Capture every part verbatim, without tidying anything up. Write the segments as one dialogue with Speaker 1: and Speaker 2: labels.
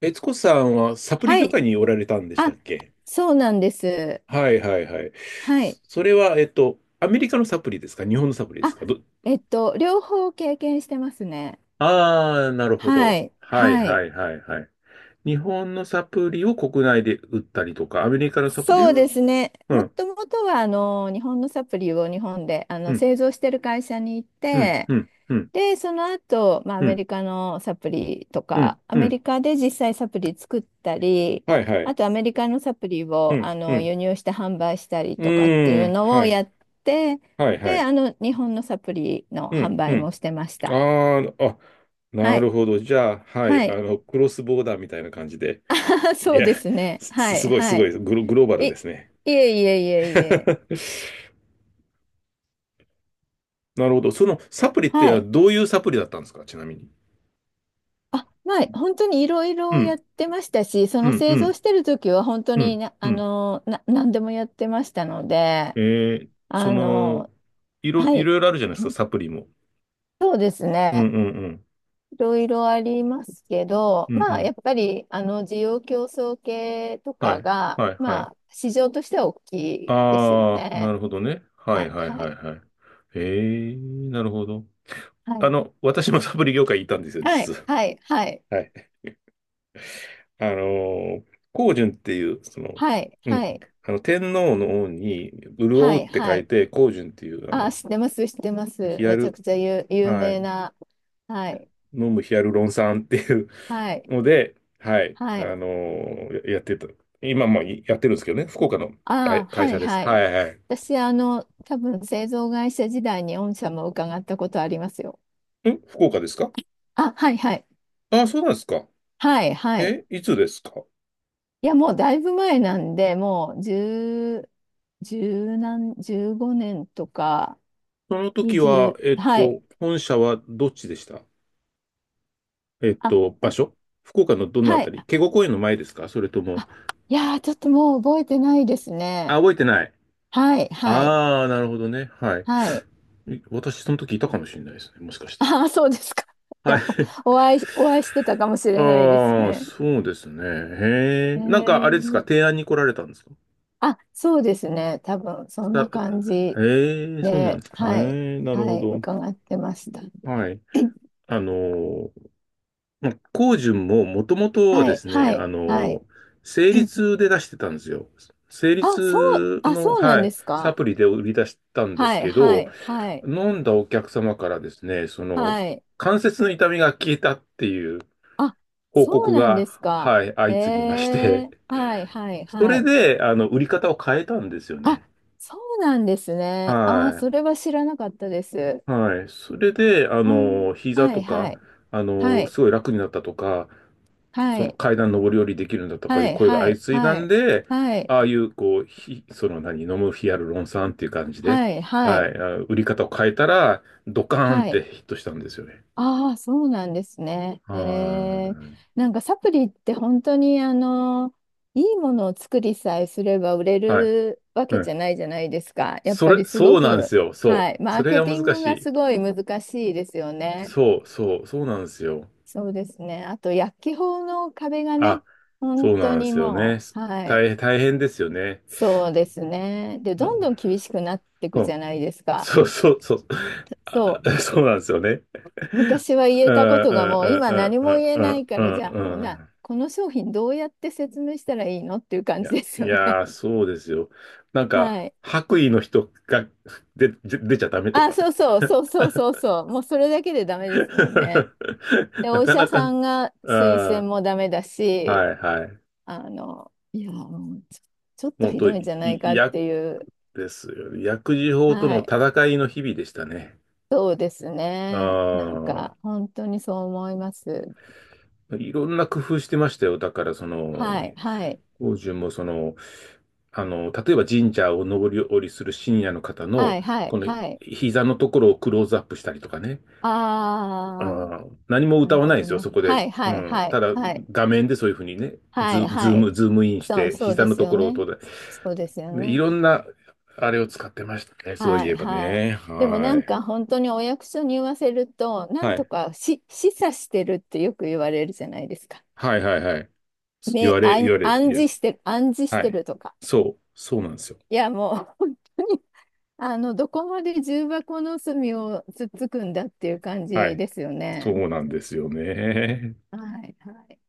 Speaker 1: 悦子さんはサプリ
Speaker 2: は
Speaker 1: 業
Speaker 2: い。
Speaker 1: 界におられたんでした
Speaker 2: あ、
Speaker 1: っけ？
Speaker 2: そうなんです。
Speaker 1: はいはいはい。
Speaker 2: は
Speaker 1: そ
Speaker 2: い。
Speaker 1: それは、えっと、アメリカのサプリですか？日本のサプリです
Speaker 2: あ、
Speaker 1: か？ど、
Speaker 2: えっと、両方経験してますね。
Speaker 1: ああ、なるほ
Speaker 2: は
Speaker 1: ど。
Speaker 2: い。
Speaker 1: はい
Speaker 2: は
Speaker 1: は
Speaker 2: い。
Speaker 1: いはいはい。日本のサプリを国内で売ったりとか、アメリカのサプリ
Speaker 2: そうで
Speaker 1: を、
Speaker 2: すね。
Speaker 1: う
Speaker 2: も
Speaker 1: ん、
Speaker 2: ともとは、あの、日本のサプリを日本で、あ
Speaker 1: う
Speaker 2: の、
Speaker 1: ん、
Speaker 2: 製造してる会社に行っ
Speaker 1: うん、
Speaker 2: て、
Speaker 1: うん、うん、
Speaker 2: で、その後、まあ、ア
Speaker 1: う
Speaker 2: メ
Speaker 1: ん、
Speaker 2: リカのサプリと
Speaker 1: うん、
Speaker 2: か、ア
Speaker 1: う
Speaker 2: メ
Speaker 1: ん、
Speaker 2: リカで実際サプリ作ったり、
Speaker 1: はいは
Speaker 2: あ
Speaker 1: い。
Speaker 2: とアメリカのサプリ
Speaker 1: う
Speaker 2: をあ
Speaker 1: ん、う
Speaker 2: の
Speaker 1: ん、
Speaker 2: 輸入して販売したり
Speaker 1: う
Speaker 2: とかってい
Speaker 1: ー
Speaker 2: う
Speaker 1: ん、
Speaker 2: の
Speaker 1: は
Speaker 2: を
Speaker 1: い、
Speaker 2: やって、
Speaker 1: はいは
Speaker 2: で、
Speaker 1: い。
Speaker 2: あの、日本のサプリの
Speaker 1: う
Speaker 2: 販
Speaker 1: ん、う
Speaker 2: 売も
Speaker 1: ん。
Speaker 2: してまし
Speaker 1: あ
Speaker 2: た。
Speaker 1: あ、あ、
Speaker 2: は
Speaker 1: な
Speaker 2: い。
Speaker 1: るほど。じゃあ、はい、
Speaker 2: は
Speaker 1: あ
Speaker 2: い。
Speaker 1: の、クロスボーダーみたいな感じで。い
Speaker 2: そう
Speaker 1: や、
Speaker 2: ですね。
Speaker 1: す、
Speaker 2: はい。
Speaker 1: すごいす
Speaker 2: は
Speaker 1: ご
Speaker 2: い。
Speaker 1: い、グロ、グローバ
Speaker 2: え、
Speaker 1: ルですね。
Speaker 2: いえいえいえいえ。
Speaker 1: なるほど。そのサプリっ
Speaker 2: は
Speaker 1: て
Speaker 2: い。
Speaker 1: どういうサプリだったんですか、ちなみに？
Speaker 2: あ、まあ、本当にいろい
Speaker 1: う
Speaker 2: ろや
Speaker 1: ん、
Speaker 2: ってましたし、そ
Speaker 1: う
Speaker 2: の
Speaker 1: ん、う
Speaker 2: 製造
Speaker 1: ん、
Speaker 2: してる時は本当
Speaker 1: う
Speaker 2: に
Speaker 1: ん、
Speaker 2: な、
Speaker 1: う
Speaker 2: あ
Speaker 1: ん。
Speaker 2: の、な、何でもやってましたので、
Speaker 1: えー、そ
Speaker 2: あ
Speaker 1: の、
Speaker 2: の、
Speaker 1: いろ、
Speaker 2: は
Speaker 1: い
Speaker 2: い。
Speaker 1: ろいろあるじゃないですか、サプリも。
Speaker 2: そうです
Speaker 1: うん、
Speaker 2: ね。
Speaker 1: うん、うん、
Speaker 2: いろいろありますけど、
Speaker 1: うん、う
Speaker 2: まあ、や
Speaker 1: ん。
Speaker 2: っぱり、あの、需要競争系と
Speaker 1: は
Speaker 2: か
Speaker 1: い、
Speaker 2: が、
Speaker 1: はい、はい。
Speaker 2: まあ、市場としては大きいですよ
Speaker 1: ああ、な
Speaker 2: ね。
Speaker 1: るほどね。は
Speaker 2: は
Speaker 1: い、
Speaker 2: い、
Speaker 1: はい、
Speaker 2: は
Speaker 1: はい、
Speaker 2: い、
Speaker 1: はい。えー、なるほど。
Speaker 2: は
Speaker 1: あ
Speaker 2: い、
Speaker 1: の、私もサプリ業界にいたんですよ、
Speaker 2: は
Speaker 1: 実
Speaker 2: い、
Speaker 1: は。
Speaker 2: はい、はい、
Speaker 1: はい。あの、光順っていう、その、
Speaker 2: はい、
Speaker 1: う
Speaker 2: は
Speaker 1: ん、
Speaker 2: い、
Speaker 1: あの、天皇の王に、潤
Speaker 2: は
Speaker 1: うっ
Speaker 2: い、
Speaker 1: て
Speaker 2: は
Speaker 1: 書い
Speaker 2: い。
Speaker 1: て、光順っていう、あ
Speaker 2: あ、
Speaker 1: の、
Speaker 2: 知ってます、知ってます。
Speaker 1: ヒア
Speaker 2: めちゃ
Speaker 1: ル、
Speaker 2: くちゃ有、有
Speaker 1: は
Speaker 2: 名
Speaker 1: い、
Speaker 2: な。はい、
Speaker 1: 飲むヒアルロン酸っていう
Speaker 2: はい、
Speaker 1: ので、はい、
Speaker 2: は
Speaker 1: あ
Speaker 2: い。
Speaker 1: の、ややってた。今もやってるんですけどね、福岡の
Speaker 2: あ、
Speaker 1: 会、会
Speaker 2: はい、
Speaker 1: 社です。
Speaker 2: は
Speaker 1: は
Speaker 2: い。
Speaker 1: いはい。
Speaker 2: 私、あの、多分製造会社時代に御社も伺ったことありますよ。
Speaker 1: ん福岡ですか？
Speaker 2: あ、はいはい。
Speaker 1: あ、そうなんですか。
Speaker 2: はいはい。
Speaker 1: え、いつですか？
Speaker 2: いや、もうだいぶ前なんで、もう10、10何、じゅうごねんとか、
Speaker 1: その時は、え
Speaker 2: にじゅう、
Speaker 1: っ
Speaker 2: はい。
Speaker 1: と、本社はどっちでした？えっ
Speaker 2: あ、
Speaker 1: と、場
Speaker 2: あ
Speaker 1: 所、福岡のどのあ
Speaker 2: は
Speaker 1: た
Speaker 2: い。
Speaker 1: り？警固公園の前ですか？それとも、
Speaker 2: あ、いやー、ちょっともう覚えてないです
Speaker 1: あ、
Speaker 2: ね。
Speaker 1: 覚えてない。
Speaker 2: はいはい。
Speaker 1: ああ、なるほどね。は
Speaker 2: はい。
Speaker 1: い。い私、その時いたかもしれないですね。もしかした
Speaker 2: ああ、そうですか。
Speaker 1: ら。
Speaker 2: じゃ
Speaker 1: は
Speaker 2: あ、
Speaker 1: い。
Speaker 2: お会い、お会いしてたかもし れないです
Speaker 1: ああ、
Speaker 2: ね。
Speaker 1: そうですね。
Speaker 2: え
Speaker 1: へえ。なんか、あれですか、
Speaker 2: ー、
Speaker 1: 提案に来られたんですか？
Speaker 2: あ、そうですね。多分、そんな
Speaker 1: さ
Speaker 2: 感じ
Speaker 1: へえ、そうなんで
Speaker 2: で、
Speaker 1: すか。
Speaker 2: はい。
Speaker 1: へえ、なる
Speaker 2: は
Speaker 1: ほ
Speaker 2: い。
Speaker 1: ど。
Speaker 2: 伺ってました。
Speaker 1: はい。あの、ま光純ももともとは
Speaker 2: は
Speaker 1: で
Speaker 2: い
Speaker 1: すね、
Speaker 2: は
Speaker 1: あ
Speaker 2: い。はい。
Speaker 1: の、成立で出してたんですよ。成
Speaker 2: あ、そう、
Speaker 1: 立
Speaker 2: あ、
Speaker 1: の、
Speaker 2: そうなん
Speaker 1: は
Speaker 2: で
Speaker 1: い、
Speaker 2: す
Speaker 1: サ
Speaker 2: か。
Speaker 1: プリで売り出したんです
Speaker 2: はい、
Speaker 1: け
Speaker 2: は
Speaker 1: ど、
Speaker 2: い、はい、
Speaker 1: 飲んだお客様からですね、その、
Speaker 2: はい。
Speaker 1: 関節の痛みが消えたっていう
Speaker 2: あ、
Speaker 1: 報
Speaker 2: そう
Speaker 1: 告
Speaker 2: なんで
Speaker 1: が、
Speaker 2: すか。
Speaker 1: はい、
Speaker 2: へ
Speaker 1: 相次ぎまして、
Speaker 2: え、はい、はい、
Speaker 1: そ
Speaker 2: は
Speaker 1: れ
Speaker 2: い。
Speaker 1: で、あの、売り方を変えたんですよ
Speaker 2: あ、
Speaker 1: ね。
Speaker 2: そうなんですね。あー、
Speaker 1: は
Speaker 2: それは知らなかったです。
Speaker 1: い。はい。それで、あ
Speaker 2: あー、
Speaker 1: の、膝
Speaker 2: はい、
Speaker 1: と
Speaker 2: は
Speaker 1: か、
Speaker 2: い、
Speaker 1: あ
Speaker 2: は
Speaker 1: の、
Speaker 2: い、
Speaker 1: すごい楽になったとか、
Speaker 2: は
Speaker 1: その
Speaker 2: い、
Speaker 1: 階段上り下りできるんだとかい
Speaker 2: は
Speaker 1: う
Speaker 2: い、
Speaker 1: 声が
Speaker 2: は
Speaker 1: 相
Speaker 2: い、
Speaker 1: 次いだ
Speaker 2: は
Speaker 1: ん
Speaker 2: い、
Speaker 1: で、
Speaker 2: はい、
Speaker 1: ああいう、こう、ひ、その何、飲むヒアルロン酸っていう感じで、
Speaker 2: はい、は
Speaker 1: は
Speaker 2: い、
Speaker 1: い、あ売り方を変えたら、ドカーンっ
Speaker 2: はい。
Speaker 1: てヒットしたんですよね。
Speaker 2: ああ、そうなんですね。
Speaker 1: は
Speaker 2: ええ、なんかサプリって本当にあの、いいものを作りさえすれば売れ
Speaker 1: い。はい、
Speaker 2: るわ
Speaker 1: う
Speaker 2: けじ
Speaker 1: ん。
Speaker 2: ゃないじゃないですか。やっ
Speaker 1: そ
Speaker 2: ぱ
Speaker 1: れ、
Speaker 2: りすご
Speaker 1: そうなんです
Speaker 2: く、
Speaker 1: よ。そ
Speaker 2: はい、
Speaker 1: う。
Speaker 2: マ
Speaker 1: そ
Speaker 2: ー
Speaker 1: れ
Speaker 2: ケ
Speaker 1: が
Speaker 2: ティン
Speaker 1: 難
Speaker 2: グ
Speaker 1: し
Speaker 2: が
Speaker 1: い。
Speaker 2: すごい難しいですよね。
Speaker 1: そう、そう、そうなんですよ。
Speaker 2: そうですね。あと薬機法の壁がね、
Speaker 1: あ、
Speaker 2: 本
Speaker 1: そう
Speaker 2: 当
Speaker 1: なんで
Speaker 2: に
Speaker 1: すよね。
Speaker 2: もう、は
Speaker 1: 大
Speaker 2: い、
Speaker 1: 変、大変ですよね。
Speaker 2: そうですね。で、
Speaker 1: う
Speaker 2: どん
Speaker 1: ん、
Speaker 2: どん厳しくなってい
Speaker 1: う
Speaker 2: くじ
Speaker 1: ん、
Speaker 2: ゃないですか。
Speaker 1: そう、そう、そう、あ
Speaker 2: そう。
Speaker 1: あ、そうなんですよね。
Speaker 2: 昔は
Speaker 1: う
Speaker 2: 言
Speaker 1: ん、
Speaker 2: え
Speaker 1: う
Speaker 2: たことがもう
Speaker 1: ん、
Speaker 2: 今何
Speaker 1: う
Speaker 2: も
Speaker 1: ん、
Speaker 2: 言え
Speaker 1: う
Speaker 2: な
Speaker 1: ん、
Speaker 2: いか
Speaker 1: う
Speaker 2: ら、じゃ
Speaker 1: ん、
Speaker 2: あ
Speaker 1: う
Speaker 2: もう
Speaker 1: ん。う
Speaker 2: な、
Speaker 1: ん、
Speaker 2: この商品どうやって説明したらいいのっていう
Speaker 1: い
Speaker 2: 感じ
Speaker 1: や、
Speaker 2: です
Speaker 1: い
Speaker 2: よね。
Speaker 1: やー、そうですよ。なん か、
Speaker 2: はい。
Speaker 1: 白衣の人が出、出出ちゃダメと
Speaker 2: あ、
Speaker 1: かね。
Speaker 2: そうそうそうそうそうそう。もうそれだけでダメですもんね。で、
Speaker 1: な
Speaker 2: お医
Speaker 1: か
Speaker 2: 者
Speaker 1: なか
Speaker 2: さ
Speaker 1: ね。
Speaker 2: んが推
Speaker 1: あ
Speaker 2: 薦もダメだ
Speaker 1: ー、
Speaker 2: し、
Speaker 1: はい、はい。
Speaker 2: あの、いや、もうちょちょっと
Speaker 1: 本
Speaker 2: ひ
Speaker 1: 当、
Speaker 2: どいん
Speaker 1: い
Speaker 2: じゃないか
Speaker 1: い
Speaker 2: っ
Speaker 1: や、
Speaker 2: ていう。
Speaker 1: ですよね。薬事法と
Speaker 2: は
Speaker 1: の
Speaker 2: い。
Speaker 1: 戦いの日々でしたね。
Speaker 2: そうですね。なん
Speaker 1: あ
Speaker 2: か本当にそう思います。
Speaker 1: あ、いろんな工夫してましたよ。だから、その、
Speaker 2: はいはい
Speaker 1: 法順もその、あの、例えば神社を上り下りする深夜の方
Speaker 2: は
Speaker 1: の、
Speaker 2: いは
Speaker 1: こ
Speaker 2: い
Speaker 1: の
Speaker 2: はい。
Speaker 1: 膝のところをクローズアップしたりとかね。
Speaker 2: あ
Speaker 1: あ
Speaker 2: あ。
Speaker 1: あ、何も
Speaker 2: な
Speaker 1: 歌
Speaker 2: る
Speaker 1: わ
Speaker 2: ほ
Speaker 1: ないで
Speaker 2: ど
Speaker 1: すよ、
Speaker 2: な。
Speaker 1: そこで。
Speaker 2: はい
Speaker 1: う
Speaker 2: はい
Speaker 1: ん。
Speaker 2: は
Speaker 1: た
Speaker 2: い
Speaker 1: だ、
Speaker 2: はい
Speaker 1: 画面でそういうふうにね、
Speaker 2: は
Speaker 1: ズ、
Speaker 2: い
Speaker 1: ズ
Speaker 2: は
Speaker 1: ー
Speaker 2: い。
Speaker 1: ム、ズームインし
Speaker 2: そう
Speaker 1: て、
Speaker 2: そう
Speaker 1: 膝
Speaker 2: で
Speaker 1: の
Speaker 2: す
Speaker 1: と
Speaker 2: よ
Speaker 1: ころを、
Speaker 2: ね。
Speaker 1: と、ね。
Speaker 2: そうですよ
Speaker 1: い
Speaker 2: ね。
Speaker 1: ろんな、あれを使ってましたね、そう
Speaker 2: は
Speaker 1: いえ
Speaker 2: い
Speaker 1: ば
Speaker 2: はい。
Speaker 1: ね。
Speaker 2: でもな
Speaker 1: は
Speaker 2: ん
Speaker 1: い。
Speaker 2: か本当にお役所に言わせると、なん
Speaker 1: は
Speaker 2: と
Speaker 1: い。
Speaker 2: かし示唆してるってよく言われるじゃないですか。
Speaker 1: はいはいはい。言
Speaker 2: ね、
Speaker 1: われ、
Speaker 2: 暗
Speaker 1: 言われる、言
Speaker 2: 暗
Speaker 1: われる。
Speaker 2: 示してる、暗示し
Speaker 1: は
Speaker 2: て
Speaker 1: い。
Speaker 2: るとか。
Speaker 1: そう、そうなんですよ。
Speaker 2: いやもう本当にあの、どこまで重箱の隅をつっつくんだっていう感
Speaker 1: は
Speaker 2: じ
Speaker 1: い。
Speaker 2: ですよね。本
Speaker 1: そうなん
Speaker 2: 当に。
Speaker 1: ですよね。
Speaker 2: はいはい。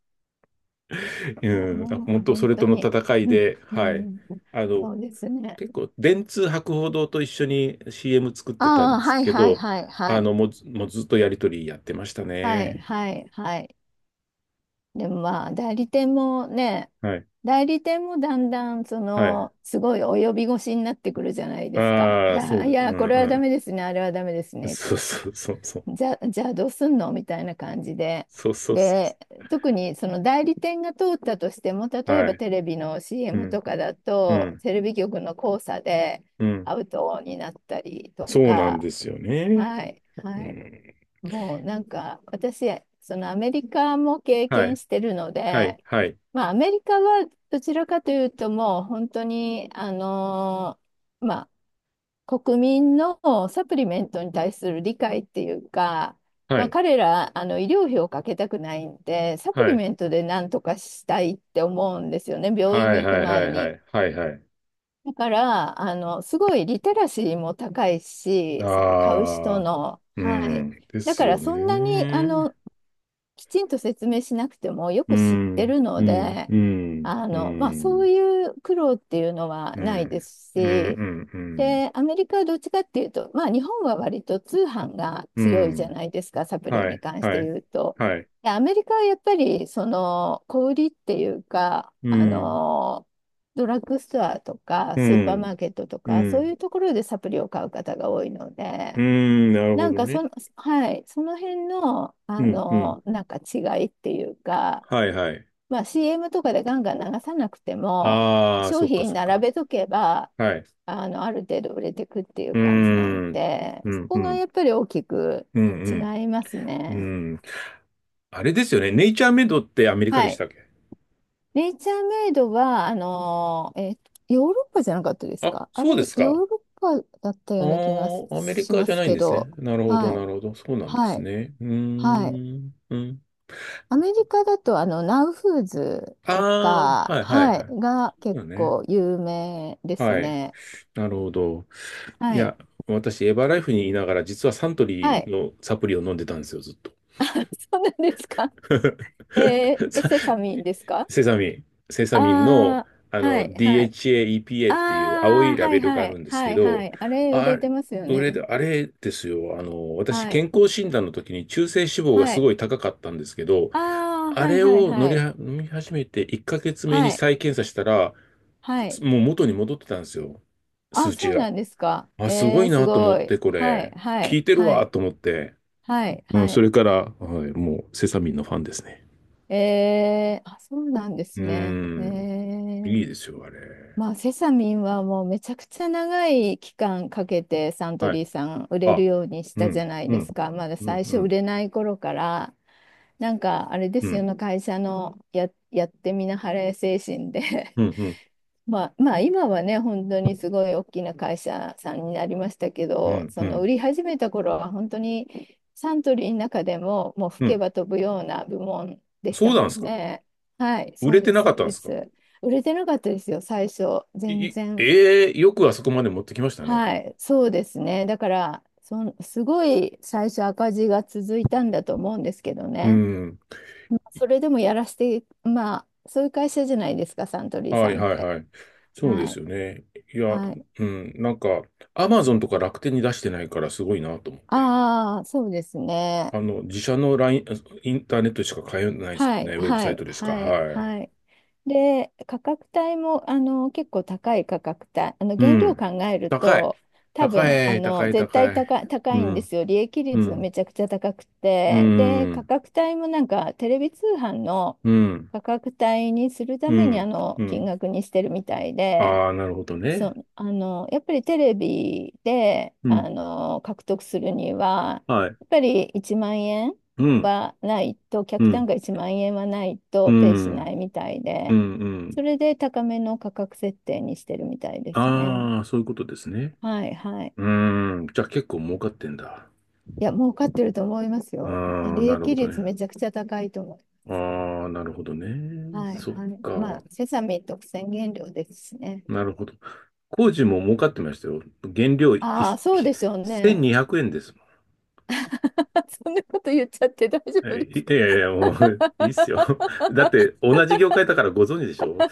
Speaker 2: あ、
Speaker 1: うん。あ
Speaker 2: も
Speaker 1: 本
Speaker 2: う
Speaker 1: 当、そ
Speaker 2: 本
Speaker 1: れと
Speaker 2: 当
Speaker 1: の
Speaker 2: に。
Speaker 1: 戦い で、
Speaker 2: う
Speaker 1: は
Speaker 2: ん、う
Speaker 1: い。
Speaker 2: ん。
Speaker 1: あ
Speaker 2: そ
Speaker 1: の、
Speaker 2: うですね。
Speaker 1: 結構、電通博報堂と一緒に シーエム 作ってた
Speaker 2: あ
Speaker 1: ん
Speaker 2: あ、
Speaker 1: です
Speaker 2: はい
Speaker 1: け
Speaker 2: はい
Speaker 1: ど、
Speaker 2: はいは
Speaker 1: あ
Speaker 2: い。
Speaker 1: の、もうず、もうずっとやりとりやってました
Speaker 2: はい、
Speaker 1: ね。
Speaker 2: はい、はい。でもまあ、代理店もね、
Speaker 1: はい。
Speaker 2: 代理店もだんだん、そ
Speaker 1: はい。
Speaker 2: の、すごい及び腰になってくるじゃないですか。い
Speaker 1: ああ、そう
Speaker 2: や、
Speaker 1: で、
Speaker 2: い
Speaker 1: う
Speaker 2: や、
Speaker 1: ん
Speaker 2: これはダ
Speaker 1: う
Speaker 2: メですね、あれはダメです
Speaker 1: ん。
Speaker 2: ねっ
Speaker 1: そ
Speaker 2: て
Speaker 1: う
Speaker 2: 言っ
Speaker 1: そ
Speaker 2: た
Speaker 1: うそうそう。
Speaker 2: ら、じゃ、じゃあどうすんのみたいな感じで。
Speaker 1: そうそうそ
Speaker 2: で、特にその代理店が通ったとしても、例
Speaker 1: う。
Speaker 2: え
Speaker 1: は
Speaker 2: ば
Speaker 1: い。
Speaker 2: テレビの
Speaker 1: う
Speaker 2: シーエム
Speaker 1: ん、
Speaker 2: とかだ
Speaker 1: う
Speaker 2: と、
Speaker 1: ん、
Speaker 2: テレビ局の交差で
Speaker 1: うん。
Speaker 2: アウトになったりと
Speaker 1: そうなん
Speaker 2: か、
Speaker 1: ですよね。
Speaker 2: はい、
Speaker 1: う
Speaker 2: はい。
Speaker 1: ん。
Speaker 2: もうなんか私、そのアメリカも経
Speaker 1: は
Speaker 2: 験
Speaker 1: い。
Speaker 2: してるの
Speaker 1: はい、
Speaker 2: で、
Speaker 1: はい、
Speaker 2: まあ、アメリカはどちらかというともう本当にあのーまあ国民のサプリメントに対する理解っていうか、
Speaker 1: は
Speaker 2: まあ、
Speaker 1: い、
Speaker 2: 彼らあの医療費をかけたくないんでサプ
Speaker 1: は
Speaker 2: リ
Speaker 1: い、
Speaker 2: メントでなんとかしたいって思うんですよね、病院
Speaker 1: はい、
Speaker 2: に行く
Speaker 1: はい、は
Speaker 2: 前
Speaker 1: い、は
Speaker 2: に。
Speaker 1: い、はい、はい。
Speaker 2: だから、あの、すごいリテラシーも高いし、その買う人
Speaker 1: ああ、
Speaker 2: の、
Speaker 1: う
Speaker 2: はい。
Speaker 1: ん、で
Speaker 2: だ
Speaker 1: す
Speaker 2: から
Speaker 1: よ
Speaker 2: そんなに、あ
Speaker 1: ね。
Speaker 2: の、きちんと説明しなくてもよ
Speaker 1: う
Speaker 2: く知っ
Speaker 1: ん、
Speaker 2: てる
Speaker 1: う
Speaker 2: の
Speaker 1: ん、
Speaker 2: で、
Speaker 1: うん、
Speaker 2: あ
Speaker 1: うん、う
Speaker 2: の、まあ、そ
Speaker 1: ん、
Speaker 2: ういう苦労っていうのは
Speaker 1: う
Speaker 2: ないで
Speaker 1: ん、
Speaker 2: す
Speaker 1: う
Speaker 2: し、
Speaker 1: ん、うん、
Speaker 2: で、アメリカはどっちかっていうと、まあ、日本は割と通販が
Speaker 1: う
Speaker 2: 強いじゃ
Speaker 1: ん、
Speaker 2: ないですか、サプリ
Speaker 1: は
Speaker 2: に
Speaker 1: い、
Speaker 2: 関し
Speaker 1: は
Speaker 2: て
Speaker 1: い、
Speaker 2: 言うと。
Speaker 1: はい、
Speaker 2: で、アメリカはやっぱり、その、小売りっていうか、
Speaker 1: う
Speaker 2: あ
Speaker 1: ん、
Speaker 2: の、ドラッグストアとか、
Speaker 1: う
Speaker 2: スーパーマー
Speaker 1: ん、
Speaker 2: ケットと
Speaker 1: う
Speaker 2: か、そうい
Speaker 1: ん、
Speaker 2: うところでサプリを買う方が多いの
Speaker 1: う
Speaker 2: で、
Speaker 1: ん、なるほ
Speaker 2: なん
Speaker 1: ど
Speaker 2: かそ
Speaker 1: ね。
Speaker 2: の、はい、その辺の、
Speaker 1: う
Speaker 2: あ
Speaker 1: ん、うん、
Speaker 2: の、なんか違いっていうか、
Speaker 1: はい、はい。
Speaker 2: まあ、シーエム とかでガンガン流さなくても、
Speaker 1: ああ、
Speaker 2: 商
Speaker 1: そっか、
Speaker 2: 品
Speaker 1: そっか。
Speaker 2: 並べとけば、
Speaker 1: はい。
Speaker 2: あの、ある程度売れてくっていう
Speaker 1: うー
Speaker 2: 感じなん
Speaker 1: ん、
Speaker 2: で、
Speaker 1: う
Speaker 2: そ
Speaker 1: ん、う
Speaker 2: こが
Speaker 1: ん、
Speaker 2: やっぱり大きく
Speaker 1: う
Speaker 2: 違
Speaker 1: ん、
Speaker 2: います
Speaker 1: うん、
Speaker 2: ね。
Speaker 1: うん。あれですよね。ネイチャーメイドってアメリカ
Speaker 2: は
Speaker 1: でし
Speaker 2: い。
Speaker 1: たっけ？
Speaker 2: ネイチャーメイドは、あの、え、ヨーロッパじゃなかったです
Speaker 1: あ、
Speaker 2: かあ
Speaker 1: そう
Speaker 2: れ、
Speaker 1: です
Speaker 2: ヨ
Speaker 1: か。
Speaker 2: ーロッパだった
Speaker 1: あ
Speaker 2: ような気が
Speaker 1: あ、アメリ
Speaker 2: し
Speaker 1: カ
Speaker 2: ま
Speaker 1: じゃ
Speaker 2: す
Speaker 1: ないん
Speaker 2: け
Speaker 1: です
Speaker 2: ど、
Speaker 1: ね。なるほど、
Speaker 2: は
Speaker 1: な
Speaker 2: い、
Speaker 1: るほど。そうなんで
Speaker 2: は
Speaker 1: す
Speaker 2: い、
Speaker 1: ね。うー
Speaker 2: はい。
Speaker 1: ん。うん。
Speaker 2: アメリカだと、あの、ナウフーズ
Speaker 1: あ
Speaker 2: と
Speaker 1: あ、
Speaker 2: か、
Speaker 1: はいはい
Speaker 2: は
Speaker 1: は
Speaker 2: い、
Speaker 1: い。
Speaker 2: が
Speaker 1: そう
Speaker 2: 結
Speaker 1: だね。
Speaker 2: 構有名です
Speaker 1: はい。
Speaker 2: ね。
Speaker 1: なるほど。い
Speaker 2: はい。
Speaker 1: や、私、エバーライフにいながら、実はサント
Speaker 2: は
Speaker 1: リー
Speaker 2: い。
Speaker 1: のサプリを飲んでたんですよ、ずっと。
Speaker 2: あ、そうなんですか。えー、え
Speaker 1: さ
Speaker 2: セサミンですか？
Speaker 1: セサミン、セサ
Speaker 2: あ
Speaker 1: ミンの、
Speaker 2: あ
Speaker 1: あ
Speaker 2: ー、は
Speaker 1: の
Speaker 2: い、はい。
Speaker 1: ディーエイチエー、
Speaker 2: あ
Speaker 1: イーピーエー っていう青い
Speaker 2: あ、
Speaker 1: ラ
Speaker 2: は
Speaker 1: ベ
Speaker 2: い、
Speaker 1: ルが
Speaker 2: は
Speaker 1: ある
Speaker 2: い、
Speaker 1: んです
Speaker 2: は
Speaker 1: け
Speaker 2: い、は
Speaker 1: ど、
Speaker 2: い。あれ、売
Speaker 1: あ
Speaker 2: れて
Speaker 1: れ、
Speaker 2: ますよね。
Speaker 1: あれですよ、あの、私、
Speaker 2: はい、
Speaker 1: 健康診断の時に中性脂肪が
Speaker 2: は
Speaker 1: す
Speaker 2: い。
Speaker 1: ごい高かったんですけど、
Speaker 2: ああ、
Speaker 1: あ
Speaker 2: はい、
Speaker 1: れ
Speaker 2: はい、
Speaker 1: を乗
Speaker 2: は
Speaker 1: り
Speaker 2: い。
Speaker 1: は飲み始めていっかげつめ
Speaker 2: は
Speaker 1: に
Speaker 2: い、
Speaker 1: 再検査したら、
Speaker 2: はい。
Speaker 1: もう元に戻ってたんですよ、
Speaker 2: あ、
Speaker 1: 数値
Speaker 2: そう
Speaker 1: が。
Speaker 2: なんですか。
Speaker 1: あ、すご
Speaker 2: えー、
Speaker 1: い
Speaker 2: す
Speaker 1: なと思
Speaker 2: ご
Speaker 1: っ
Speaker 2: い。
Speaker 1: て、こ
Speaker 2: はい、
Speaker 1: れ、
Speaker 2: は
Speaker 1: 効
Speaker 2: い、
Speaker 1: いてる
Speaker 2: は
Speaker 1: わ
Speaker 2: い、
Speaker 1: と思って、
Speaker 2: はい、
Speaker 1: うん、
Speaker 2: は
Speaker 1: そ
Speaker 2: い。
Speaker 1: れから、はい、もうセサミンのファンですね。
Speaker 2: えー、あ、そうなんで
Speaker 1: う
Speaker 2: す
Speaker 1: ー
Speaker 2: ね。え
Speaker 1: ん。いい
Speaker 2: ー、
Speaker 1: ですよ、あれ。
Speaker 2: まあ、セサミンはもうめちゃくちゃ長い期間かけてサント
Speaker 1: はい。
Speaker 2: リーさん売れる
Speaker 1: あ、
Speaker 2: ようにし
Speaker 1: う
Speaker 2: た
Speaker 1: ん、
Speaker 2: じゃない
Speaker 1: う
Speaker 2: です
Speaker 1: ん、
Speaker 2: か。まだ
Speaker 1: うん、
Speaker 2: 最初
Speaker 1: う
Speaker 2: 売
Speaker 1: ん、
Speaker 2: れない頃から、なんかあれで
Speaker 1: う
Speaker 2: すよ
Speaker 1: ん、
Speaker 2: ね、会社のや、やってみなはれ精神で、
Speaker 1: うん、うん、
Speaker 2: まあ、まあ今はね、本当にすごい大きな会社さんになりましたけ
Speaker 1: う
Speaker 2: ど、
Speaker 1: ん、
Speaker 2: そ
Speaker 1: う
Speaker 2: の
Speaker 1: ん。
Speaker 2: 売り始めた頃は本当にサントリーの中でももう吹
Speaker 1: う
Speaker 2: け
Speaker 1: ん、
Speaker 2: ば飛ぶような部門でし
Speaker 1: そう
Speaker 2: た
Speaker 1: なんで
Speaker 2: も
Speaker 1: す
Speaker 2: ん
Speaker 1: か？
Speaker 2: ね。はい、
Speaker 1: 売
Speaker 2: そ
Speaker 1: れ
Speaker 2: う
Speaker 1: て
Speaker 2: です
Speaker 1: なか
Speaker 2: そ
Speaker 1: っ
Speaker 2: う
Speaker 1: たんで
Speaker 2: で
Speaker 1: すか？
Speaker 2: す。売れてなかったですよ、最初
Speaker 1: い、
Speaker 2: 全
Speaker 1: い
Speaker 2: 然。
Speaker 1: ええ、よくあそこまで持ってきましたね。
Speaker 2: はい、そうですね。だからそんすごい最初赤字が続いたんだと思うんですけど
Speaker 1: う
Speaker 2: ね。
Speaker 1: ん。
Speaker 2: まあ
Speaker 1: い
Speaker 2: それでもやらせて、まあそういう会社じゃないですか、サントリー
Speaker 1: は
Speaker 2: さ
Speaker 1: い、
Speaker 2: んっ
Speaker 1: はい、
Speaker 2: て。
Speaker 1: はい。そうで
Speaker 2: はい
Speaker 1: すよね。いや、
Speaker 2: はい。
Speaker 1: うん、なんか、アマゾンとか楽天に出してないからすごいなと思って。
Speaker 2: ああ、そうですね。
Speaker 1: あの、自社のライン、インターネットでしか買えないですも
Speaker 2: は
Speaker 1: ん
Speaker 2: い、
Speaker 1: ね。ウェブ
Speaker 2: は
Speaker 1: サイト
Speaker 2: い、
Speaker 1: でしか。
Speaker 2: は
Speaker 1: は
Speaker 2: い、は
Speaker 1: い。
Speaker 2: い。で、価格帯も、あの、結構高い価格帯。あの、
Speaker 1: う
Speaker 2: 原料
Speaker 1: ん。
Speaker 2: 考える
Speaker 1: 高い。
Speaker 2: と、多
Speaker 1: 高
Speaker 2: 分、あ
Speaker 1: い、高
Speaker 2: の、
Speaker 1: い、
Speaker 2: 絶対
Speaker 1: 高い。
Speaker 2: 高い、高
Speaker 1: う
Speaker 2: いんで
Speaker 1: ん。
Speaker 2: すよ。利益
Speaker 1: う
Speaker 2: 率め
Speaker 1: ん、
Speaker 2: ちゃくちゃ高く
Speaker 1: う
Speaker 2: て。で、価
Speaker 1: ん、
Speaker 2: 格帯もなんか、テレビ通販の
Speaker 1: うん、
Speaker 2: 価格帯にするた
Speaker 1: う
Speaker 2: めに、あ
Speaker 1: ん、
Speaker 2: の、
Speaker 1: う
Speaker 2: 金
Speaker 1: ん。
Speaker 2: 額にしてるみたいで。
Speaker 1: ああ、なるほど
Speaker 2: そ
Speaker 1: ね。
Speaker 2: う、あの、やっぱりテレビで、
Speaker 1: うん、
Speaker 2: あの、獲得するには、
Speaker 1: はい。
Speaker 2: やっぱりいちまんえん円
Speaker 1: うん、
Speaker 2: はないと、
Speaker 1: う
Speaker 2: 客単
Speaker 1: ん、
Speaker 2: 価いちまんえん円はない
Speaker 1: う
Speaker 2: とペイしな
Speaker 1: ん、
Speaker 2: いみたい
Speaker 1: うん、う
Speaker 2: で、
Speaker 1: ん。
Speaker 2: それで高めの価格設定にしてるみたいですね。
Speaker 1: ああ、そういうことですね。
Speaker 2: はいはい。
Speaker 1: うーん、じゃあ結構儲かってんだ。
Speaker 2: いや、儲かってると思います
Speaker 1: あ
Speaker 2: よ。え
Speaker 1: あ、
Speaker 2: 利
Speaker 1: なる
Speaker 2: 益
Speaker 1: ほど
Speaker 2: 率
Speaker 1: ね。
Speaker 2: めちゃくちゃ高いと思
Speaker 1: ああ、なるほど
Speaker 2: う。
Speaker 1: ね。
Speaker 2: はい
Speaker 1: そっ
Speaker 2: はい。ま
Speaker 1: か。
Speaker 2: あ、セサミン特選原料ですしね。
Speaker 1: なるほど。工事も儲かってましたよ。原料い
Speaker 2: ああ、そうでしょうね。
Speaker 1: せんにひゃくえんですもん。
Speaker 2: そんなこと言っちゃって大丈夫
Speaker 1: え、
Speaker 2: で
Speaker 1: い
Speaker 2: す
Speaker 1: い
Speaker 2: か？
Speaker 1: やいやいや、もういいっすよ。だって同じ業界だからご存知でしょ？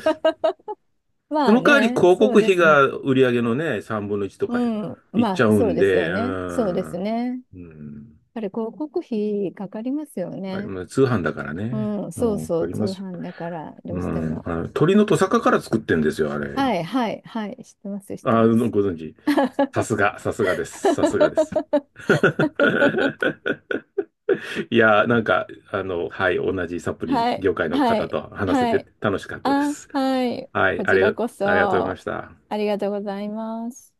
Speaker 1: そ
Speaker 2: まあ
Speaker 1: の代わり
Speaker 2: ね、
Speaker 1: 広
Speaker 2: そ
Speaker 1: 告
Speaker 2: うで
Speaker 1: 費
Speaker 2: すね。
Speaker 1: が売り上げのね、さんぶんのいちとか
Speaker 2: うん、
Speaker 1: いっち
Speaker 2: ま
Speaker 1: ゃ
Speaker 2: あ
Speaker 1: う
Speaker 2: そう
Speaker 1: ん
Speaker 2: ですよ
Speaker 1: で、う
Speaker 2: ね。そうです
Speaker 1: ん。
Speaker 2: ね。やっ
Speaker 1: うん。
Speaker 2: ぱり広告費かかりますよ
Speaker 1: わかり
Speaker 2: ね。
Speaker 1: ます。通販だからね。
Speaker 2: うん、
Speaker 1: う
Speaker 2: そう
Speaker 1: ん、わ
Speaker 2: そ
Speaker 1: か
Speaker 2: う、
Speaker 1: り
Speaker 2: 通
Speaker 1: ますよ。
Speaker 2: 販だからど
Speaker 1: う
Speaker 2: うして
Speaker 1: ん。
Speaker 2: も。
Speaker 1: あの、鶏のトサカから作ってんですよ、あれ。
Speaker 2: はいはいはい、知ってます、知って
Speaker 1: あ、
Speaker 2: ます。
Speaker 1: ご存知。さすが、さすがです。さすがです。いや、なんか、あの、はい、同じサプリ
Speaker 2: はい
Speaker 1: 業界の
Speaker 2: は
Speaker 1: 方
Speaker 2: い
Speaker 1: と話せ
Speaker 2: は
Speaker 1: て
Speaker 2: い。
Speaker 1: 楽しかったで
Speaker 2: あ、
Speaker 1: す。
Speaker 2: はい。
Speaker 1: はい、
Speaker 2: こ
Speaker 1: あ
Speaker 2: ち
Speaker 1: り
Speaker 2: ら
Speaker 1: が、
Speaker 2: こ
Speaker 1: ありがとうございま
Speaker 2: そ
Speaker 1: した。
Speaker 2: ありがとうございます。